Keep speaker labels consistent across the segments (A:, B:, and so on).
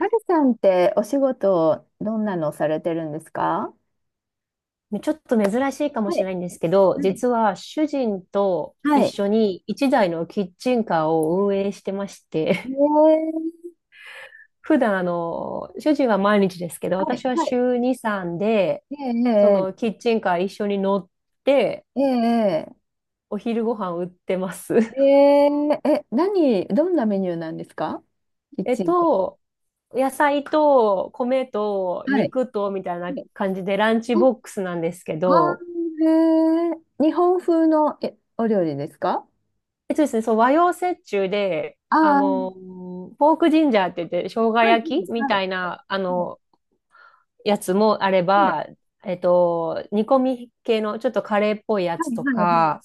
A: ハルさんってお仕事どんなのされてるんですか？
B: ちょっと珍しいかも
A: は
B: しれ
A: い、
B: ないんですけど、
A: はい、
B: 実は主人と
A: は
B: 一
A: い。
B: 緒に一台のキッチンカーを運営してまし
A: え
B: て、
A: ー。
B: 普段主人は毎日ですけど、
A: はい、
B: 私は
A: はい。
B: 週2、3で、そ
A: え
B: の
A: え
B: キッチンカー一緒に乗って、
A: えええ
B: お昼ご飯売ってます。
A: え えええ、何、どんなメニューなんですか？キッ
B: えっ
A: チンカ
B: と、野菜と米と
A: ー、はい。
B: 肉とみたいな
A: はい。
B: 感じでランチボックスなんですけ
A: ああ
B: ど、
A: ー、ええ、日本風のお料理ですか？
B: えっとですね、そう、和洋折衷で、
A: ああー、
B: ポークジンジャーって言って、生姜
A: はい、はい、
B: 焼きみ
A: は
B: たいな、
A: い、はい、
B: やつもあれ
A: はい、
B: ば、煮込み系の、ちょっとカレーっぽいや
A: は
B: つと
A: い、はい。は
B: か、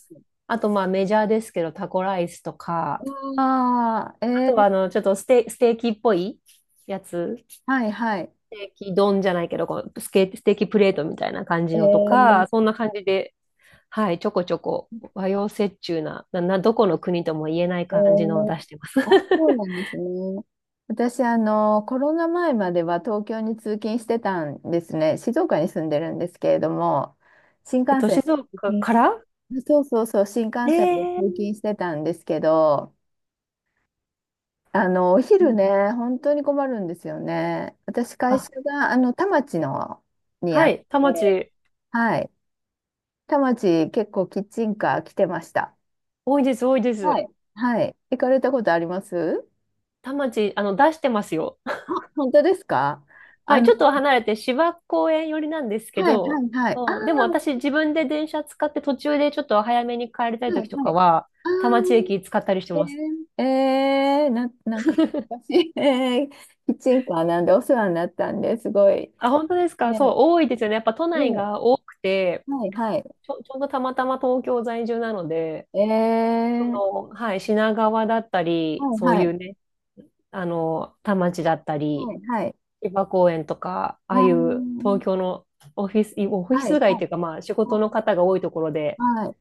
B: あと、まあ、メジャーですけど、タコライスとか、
A: あ
B: あ
A: ー。
B: と
A: え
B: は、
A: え、
B: ちょっとステーキっぽいやつ、ス
A: はい、はい。
B: テーキ丼じゃないけど、こうステーキプレートみたいな感じのと
A: ええ、
B: か、そんな感じで、はい、ちょこちょこ和洋折衷などこの国とも言えない
A: え
B: 感じのを出
A: ー、
B: してます。
A: あ、そう なんですね。私、コロナ前までは東京に通勤してたんですね。静岡に住んでるんですけれども、新幹線
B: 静
A: で通
B: 岡
A: 勤、
B: から
A: そうそうそう、新
B: え
A: 幹線で通
B: え
A: 勤
B: ー、
A: してたんですけど、お
B: そう
A: 昼
B: なんだ、
A: ね、本当に困るんですよね。私、会
B: あ、
A: 社が、田町のにあ
B: は
A: っ
B: い、田
A: て、
B: 町、
A: はい。田町、結構キッチンカー来てました。
B: 多いです、多いで
A: は
B: す。
A: い。はい。行かれたことあります？
B: 田町、出してますよ。
A: あ、本当ですか？
B: は
A: あ
B: い、ちょっ
A: の、
B: と離れて芝公園寄りなんですけ
A: はいは
B: ど、
A: いはい。あ
B: うん、でも
A: あ、
B: 私自分で電車使って途中でちょっと早めに帰りたい
A: はい
B: 時と
A: は
B: か
A: い。
B: は、
A: ああ、
B: 田町駅使ったりして
A: え
B: ます。
A: ー、えー、なんか 私、えー、キッチンカーなんでお世話になったんですごい。
B: あ、本当です
A: え
B: か？そう、
A: ー、
B: 多いですよね。やっぱ都
A: え
B: 内
A: ー、
B: が多くて、
A: はいはい。
B: ちょうどたまたま東京在住なので、
A: え
B: そ
A: ー、
B: の、はい、品川だったり、そ
A: はい
B: う
A: は
B: いう
A: い。
B: ね、田町だった
A: は
B: り、
A: いはい。
B: 芝公園とか、あ
A: あ
B: あいう東
A: ー、
B: 京のオフィス、オフィ
A: はい
B: ス街
A: は
B: とい
A: い
B: うか、まあ仕
A: は
B: 事の
A: い。
B: 方が多いところで
A: は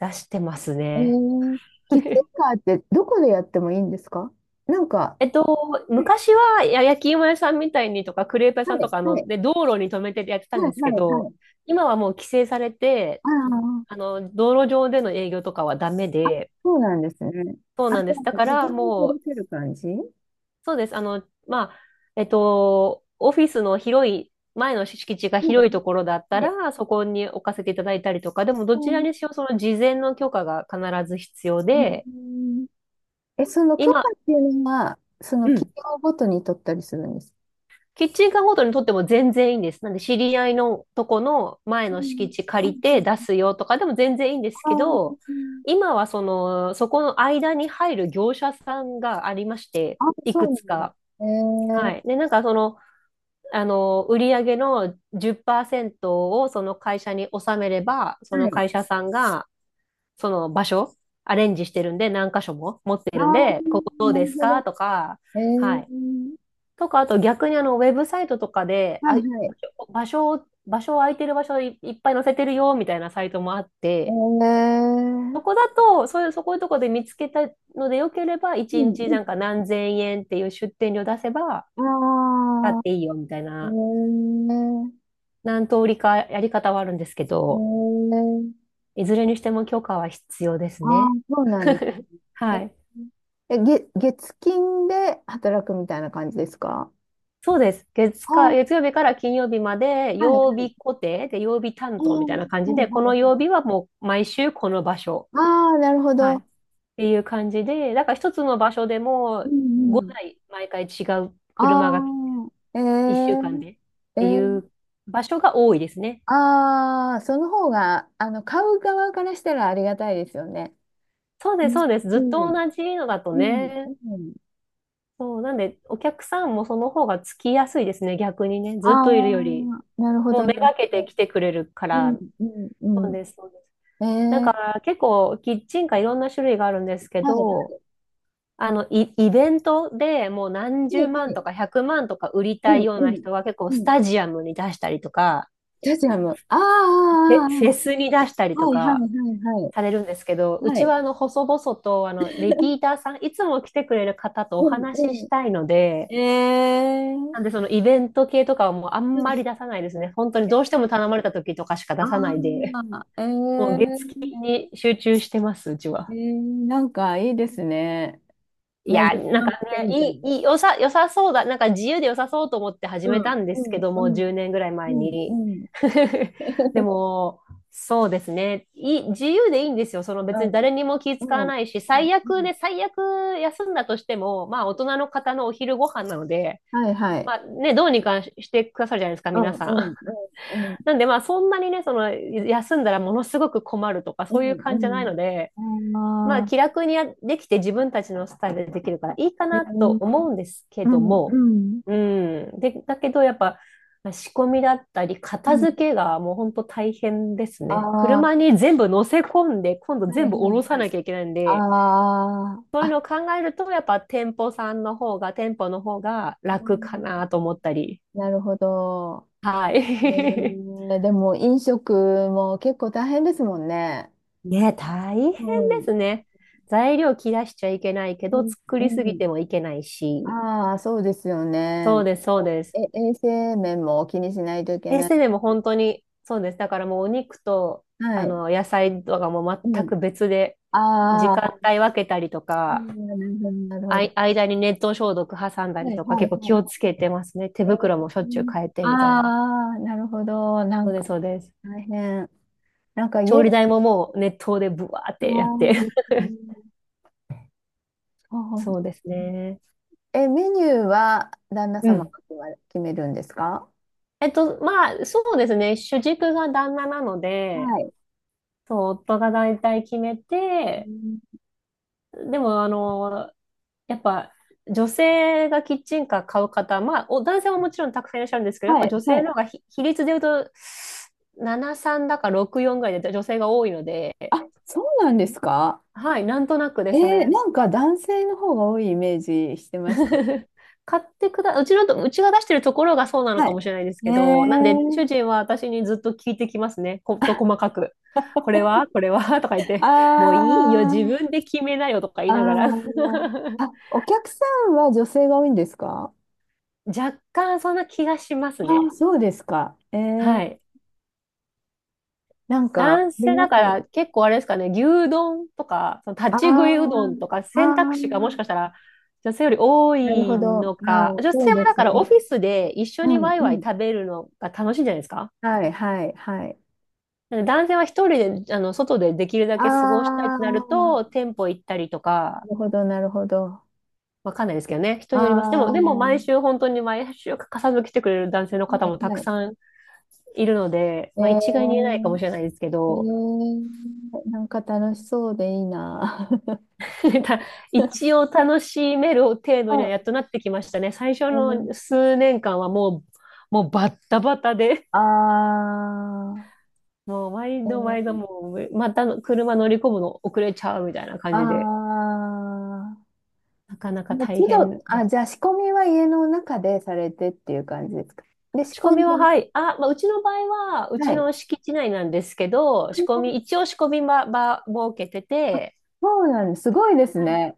B: 出してます
A: い。え
B: ね。
A: ー、キッチン カーってどこでやってもいいんですか？なんか、
B: えっと、
A: はい
B: 昔は焼き芋屋さんみたいにとか、クレープ屋
A: は
B: さんと
A: い
B: か、
A: はい
B: で、道路に止めてやってたん
A: は
B: で
A: い
B: すけ
A: はいは
B: ど、
A: い。
B: 今はもう規制されて、
A: ああ、
B: 道路上での営業とかはダメで、
A: そうなんですね。
B: そう
A: あ、じ
B: なん
A: ゃ
B: です。だ
A: あ、
B: か
A: 自
B: ら
A: 分に
B: も
A: 届ける感じは？
B: そうです。まあ、オフィスの広い、前の敷地が
A: い
B: 広いところだった
A: で、
B: ら、そこに置かせていただいたりとか、でも
A: う
B: どちら
A: ん、
B: にしろその事前の許可が必ず必要
A: う
B: で、
A: ん、え、その許可
B: 今、
A: っていうのは、その
B: う
A: 企
B: ん、
A: 業ごとに取ったりするんですか？
B: キッチンカーごとにとっても全然いいんです。なんで知り合いのとこの前
A: う
B: の
A: ん、
B: 敷地借りて出すよとかでも全然いいんです
A: あ、
B: けど、
A: うん、
B: 今はその、そこの間に入る業者さんがありまして、
A: あ、
B: い
A: そ
B: く
A: うな
B: つ
A: んだ。
B: か。
A: え
B: は
A: ー、
B: い。で、なんかその、売上の10%をその会社に納めれば、そ
A: は
B: の
A: い。
B: 会社さんが、その場所、アレンジしてるんで、何箇所も持って
A: あ
B: るんで、ここど
A: ー、
B: う
A: な
B: で
A: る
B: す
A: ほ
B: か
A: ど。
B: とか、
A: え
B: はい。
A: ー、
B: とか、あと逆にウェブサイトとかで、
A: は
B: あ、
A: いはい。
B: 場所を空いてる場所、いっぱい載せてるよ、みたいなサイトもあっ
A: え
B: て、
A: ー、
B: そこだと、そういう、そこいうとこで見つけたのでよければ、
A: う
B: 1
A: ん
B: 日
A: うん。
B: なんか何千円っていう出店料出せば、
A: あ
B: だっ
A: ー、
B: ていいよ、みたい
A: え
B: な、
A: ー、
B: 何通りかやり方はあるんですけ
A: え
B: ど、
A: ー、
B: いずれにしても許可は必要です
A: あ
B: ね。
A: ー、そうなんだ。
B: はい。
A: え、月金で働くみたいな感じですか？
B: そうです。月
A: あ
B: か、
A: あー、
B: 月曜日から金曜日まで、
A: はい、
B: 曜日固定で、曜日
A: う
B: 担当みたいな
A: ん、
B: 感
A: は
B: じで、
A: いは
B: こ
A: いは
B: の曜日
A: い。
B: はもう毎週この場所。
A: ああ、なるほ
B: はい。
A: ど。
B: っていう感じで、だから一つの場所で
A: う
B: も
A: んうん。
B: 5台毎回違う
A: あ
B: 車が
A: あ、え
B: 1週
A: え、
B: 間でっ
A: え
B: て
A: え、
B: いう場所が多いですね。
A: ああ、その方が、買う側からしたらありがたいですよね。
B: そう
A: う
B: です、
A: ん、
B: そうです。ず
A: う
B: っと
A: ん、
B: 同じのだと
A: うん。
B: ね。
A: うん、
B: そう、なんでお客さんもその方がつきやすいですね、逆にね。
A: あ
B: ずっといるより。
A: あ、なるほ
B: もう
A: ど、
B: め
A: なる
B: がけて
A: ほど、
B: 来てくれるか
A: う
B: ら、
A: ん、う
B: そ
A: ん
B: う
A: うん。
B: です、そうです。
A: え
B: だか
A: え、
B: ら結構キッチンカーいろんな種類があるんですけ
A: はい、は
B: ど、イベントでもう何
A: い、
B: 十
A: は
B: 万
A: い。
B: とか100万とか売りた
A: う
B: い
A: ん、
B: よう
A: う
B: な
A: ん、
B: 人は結構
A: う
B: ス
A: ん。
B: タジアムに出したりとか、
A: スタジアム。ああ、
B: フ
A: ああ
B: ェ、フェ
A: あ
B: スに出したり
A: あ、
B: と
A: はい、はい、
B: か
A: はい、
B: されるんですけど、う
A: はい。は
B: ち
A: い、
B: は細々とリピーターさん、いつも来てくれる方とお
A: うん、
B: 話し
A: う
B: し
A: ん。
B: たいので、
A: ええ、
B: なんでそのイベント系とかはもうあ
A: は
B: んま
A: い、
B: り出さないですね。本当にどうしても頼まれた時とかしか出さないで。
A: ああ、え
B: もう月金
A: え、
B: に集中してます、うち
A: え
B: は。
A: ー、なんかいいですね。
B: い
A: こ
B: や、なん
A: の
B: かね、
A: 店みた
B: い
A: いな。
B: い、いい、良さ、良さそうだ。なんか自由で良さそうと思って始め
A: う
B: た
A: ん、
B: んで
A: う
B: すけ
A: ん、
B: ど
A: う
B: も、
A: ん、
B: 10年ぐらい
A: う
B: 前
A: ん、う
B: に。
A: ん、うん、
B: でも、そうですね。自由でいいんですよ。その別に誰にも気
A: う
B: 使わ
A: ん、
B: ないし、
A: うん。
B: 最
A: う
B: 悪
A: ん、
B: ね、最悪休んだとしても、まあ大人の方のお昼ご飯なので、
A: はいはい。
B: まあね、どうにかしてくださるじゃないですか、
A: うん、
B: 皆さん。
A: う ん、うん、うん、
B: なんでまあそんなにね、その休んだらものすごく困るとか
A: う
B: そういう感じじゃない
A: ん
B: ので、
A: うん。
B: ま
A: あ
B: あ、
A: あ、
B: 気楽にやできて自分たちのスタイルでできるからいいか
A: え
B: なと
A: ー、
B: 思うんですけ
A: う
B: ど
A: ん、う
B: も、
A: ん、
B: うん。で、だけどやっぱ仕込みだったり、
A: う
B: 片
A: ん。
B: 付けがもう本当大変です
A: あ
B: ね。
A: あ、
B: 車
A: は
B: に全部乗せ込んで、今度
A: いは
B: 全部
A: いは
B: 下
A: い。
B: ろさなきゃいけないん
A: あ
B: で、
A: あ、
B: そういう
A: あ、
B: のを考えると、やっぱ店舗さんの方が、店舗の方が
A: う
B: 楽
A: ん、
B: かなと思ったり。
A: なるほど。
B: は
A: え
B: い。
A: ー、でも飲食も結構大変ですもんね。
B: ね、大変
A: う
B: で
A: ん、
B: すね。材料切らしちゃいけないけ
A: う
B: ど、
A: ん、
B: 作
A: う
B: りすぎ
A: ん。
B: てもいけないし。
A: ああ、そうですよ
B: そ
A: ね。
B: うです、そうです。
A: え、衛生面も気にしないといけ
B: エ
A: な
B: ス
A: い。
B: テでも本当に、そうです。だからもうお肉と、
A: はい。
B: 野菜とかもう全
A: う
B: く別で、時
A: ん。あ
B: 間
A: あ、
B: 帯分けたりと
A: う
B: か、
A: ん、なるほど、なるほど。
B: 間に熱湯消毒挟んだ
A: は
B: り
A: い、
B: とか、
A: はい、
B: 結構
A: は
B: 気をつ
A: い。
B: けてますね。手
A: え
B: 袋もしょっちゅう
A: ー、
B: 変えてみたいな。
A: ああ、なるほど。な
B: そう
A: ん
B: で
A: か、
B: す、そうです。
A: 大変。なんか
B: 調
A: 家で、
B: 理台ももう熱湯でブワーっ
A: あー、
B: てやっ
A: う
B: て。
A: ん、そ う、
B: そうですね。
A: え、メニューは旦那
B: う
A: 様が
B: ん。
A: 決めるんですか？
B: まあ、そうですね。主軸が旦那なの
A: は
B: で、
A: い。
B: そう、夫が大体決め
A: う
B: て、
A: ん、
B: でも、やっぱ女性がキッチンカー買う方、まあ、男性はもちろんたくさんいらっしゃるんですけど、やっ
A: は
B: ぱ
A: い、
B: 女
A: は
B: 性
A: い。
B: の方が比率で言うと、73だか64ぐらいで女性が多いので、
A: あ、そうなんですか？
B: はい、なんとなくで
A: え
B: す
A: ー、
B: ね。
A: なんか男性の方が多いイメージしてました。
B: 買ってくだ、うちのと、うちが出してるところがそうなの
A: は
B: か
A: い。
B: もしれないです
A: ね
B: けど、なんで、
A: え、
B: 主人は私にずっと聞いてきますね。こと細かく。これはこれはとか言っ
A: あ
B: て、もういいよ、自分
A: ー、
B: で決めなよとか言い
A: あ
B: ながら。
A: ー、あ、お客さんは女性が多いんですか？
B: 若干そんな気がします
A: ああー、
B: ね。
A: そうですか。え
B: は
A: ー、
B: い。
A: なんか、あ
B: 男
A: り
B: 性
A: ま
B: だ
A: す。
B: から結構あれですかね、牛丼とか、その
A: あ
B: 立ち食いうど
A: あ、
B: んとか
A: あ
B: 選択肢が
A: あ、
B: もしかしたら女性より多
A: なるほ
B: い
A: ど。あ
B: の
A: あ、
B: か、女
A: そ
B: 性
A: う
B: は
A: で
B: だ
A: す
B: からオ
A: ね。
B: フィスで一緒
A: う
B: に
A: ん、
B: ワイ
A: う
B: ワイ
A: ん。
B: 食べるのが楽しいんじゃないですか？
A: はい、はい、はい。
B: なんで男性は一人で、外でできるだ
A: あ
B: け過ごしたいっ
A: あ、
B: てなると、
A: な
B: 店舗行ったりとか、
A: るほど、なるほど。
B: わかんないですけどね、人
A: あ
B: によります。でも、
A: あ、
B: でも毎
A: は
B: 週本当に毎週欠かさず来てくれる男性の
A: い、
B: 方もた
A: は
B: く
A: い。
B: さんいるので、
A: え
B: まあ一概に言えないかも
A: ー、
B: しれないですけ
A: え
B: ど、
A: ー、なんか楽しそうでいいな。
B: なんか一 応楽しめる程度にはやっ
A: は
B: となってきましたね。最初
A: い。えー、
B: の数年間はもうバッタバタで、
A: あ
B: もう毎度
A: ー、
B: 毎
A: え
B: 度
A: ー、
B: もう、またの車乗り込むの遅れちゃうみたいな感
A: あ
B: じで、なかな
A: ー、
B: か
A: もう
B: 大
A: 都度、
B: 変で
A: あ、
B: す。
A: じゃあ仕込みは家の中でされてっていう感じですか。で、仕
B: 仕込
A: 込ん
B: み
A: で、
B: は、はい。あ、まあ、うちの場合は、う
A: は
B: ち
A: い。
B: の敷地内なんですけど、仕込み、一応仕込み場設けて
A: あ、
B: て、
A: そうなんです。すごいです
B: はい。
A: ね。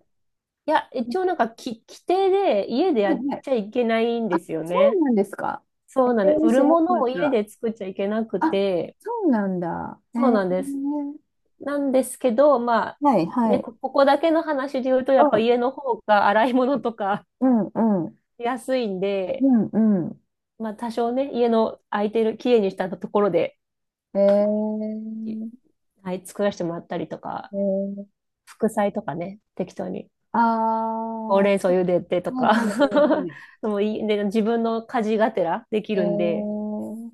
B: いや、一応なんか規定で家で
A: は
B: やっ
A: いはい。
B: ちゃいけないん
A: あ、
B: ですよ
A: そ
B: ね。
A: うなんですか。え
B: そうなんです。
A: ー、
B: 売
A: 知
B: る
A: らな
B: ものを家
A: かっ
B: で作っちゃいけなく
A: た。あ、
B: て、
A: そうなんだ。え
B: そう
A: ー、
B: なんです。なんですけど、まあ、
A: はいは
B: ね、
A: い。
B: ここだけの話で言うと、や
A: う
B: っぱ
A: ん、
B: 家の方が洗い物とか
A: うん、うん、
B: 安いん
A: う
B: で、
A: ん、うん。
B: まあ多少ね、家の空いてる、きれいにしたところで、
A: え
B: い
A: ー、
B: はい、作らせてもらったりとか、
A: えー、
B: 副菜とかね、適当に。
A: あ
B: ほ
A: あ、
B: う
A: は
B: れん草茹でて
A: い
B: と
A: はい
B: か
A: はい はい。
B: でもいい、で、自分の家事がてらでき
A: え
B: るんで、
A: ー、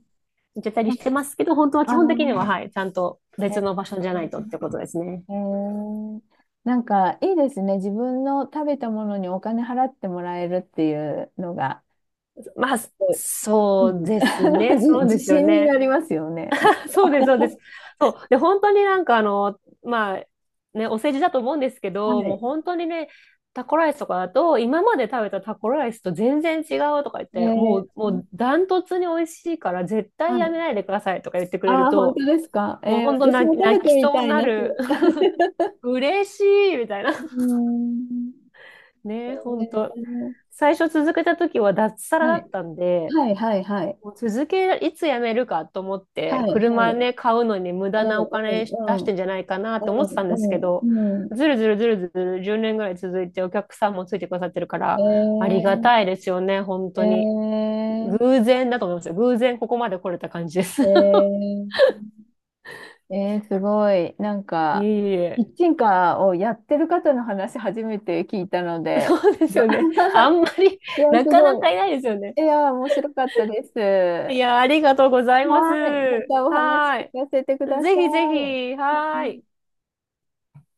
B: やった
A: あ、
B: りしてますけど、本当は基
A: あ
B: 本的には、
A: ー、
B: はい、ちゃんと別
A: え
B: の場所じゃないとってことですね。
A: ー、えー、なんかいいですね。自分の食べたものにお金払ってもらえるっていうのが、
B: まあ、
A: う
B: そう
A: ん、
B: ですね。そう
A: 自
B: ですよ
A: 信にな
B: ね。
A: りますよね。
B: そうです、そうです。そう。で、本当になんかまあ、ね、お世辞だと思うんですけ
A: は
B: ど、もう
A: い。
B: 本当にね、タコライスとかだと、今まで食べたタコライスと全然違うとか言って、も
A: え
B: う、も
A: ー、
B: うダントツに美味しいから絶
A: は
B: 対や
A: い。
B: めないでくださいとか言ってくれ
A: あ
B: る
A: あ、本当
B: と、
A: ですか。
B: もう
A: えー、
B: 本当
A: 私
B: 泣
A: も
B: き、
A: 食べ
B: 泣
A: て
B: き
A: み
B: そう
A: た
B: に
A: い
B: な
A: な、それ。
B: る。嬉しいみたいな。
A: うーん。え
B: ね、本当。
A: ー、
B: 最初続けた時は脱サラ
A: は
B: だ
A: い。
B: ったんで、
A: はいはいはい。
B: もう続け、いつ辞めるかと思って、
A: はい、は
B: 車
A: い。
B: ね、買うのに無
A: う
B: 駄なお金出し
A: ん、うん、
B: てんじゃないかな
A: う
B: と思ってた
A: ん、
B: んで
A: う
B: すけ
A: ん、う
B: ど、
A: ん。うん、
B: ずるずるずるずる10年ぐらい続いてお客さんもついてくださってるから、あり
A: え
B: がたいですよね、本
A: ー、
B: 当に。
A: え
B: 偶然だと思いますよ。偶然ここまで来れた感じです。
A: ー、えー、えー、すごい。なん
B: い
A: か、
B: えい
A: キ
B: え。
A: ッチンカーをやってる方の話初めて聞いたので、
B: そうです
A: が
B: よね。あんまり、
A: いや、す
B: なか
A: ご
B: なか
A: い。
B: いないですよね。
A: いや、面白かったです。
B: い
A: は
B: や、ありがとうござい
A: い、
B: ます。
A: またお話
B: は
A: 聞かせてく
B: ーい。
A: ださ
B: ぜ
A: い。
B: ひぜ
A: は
B: ひ、はーい。
A: い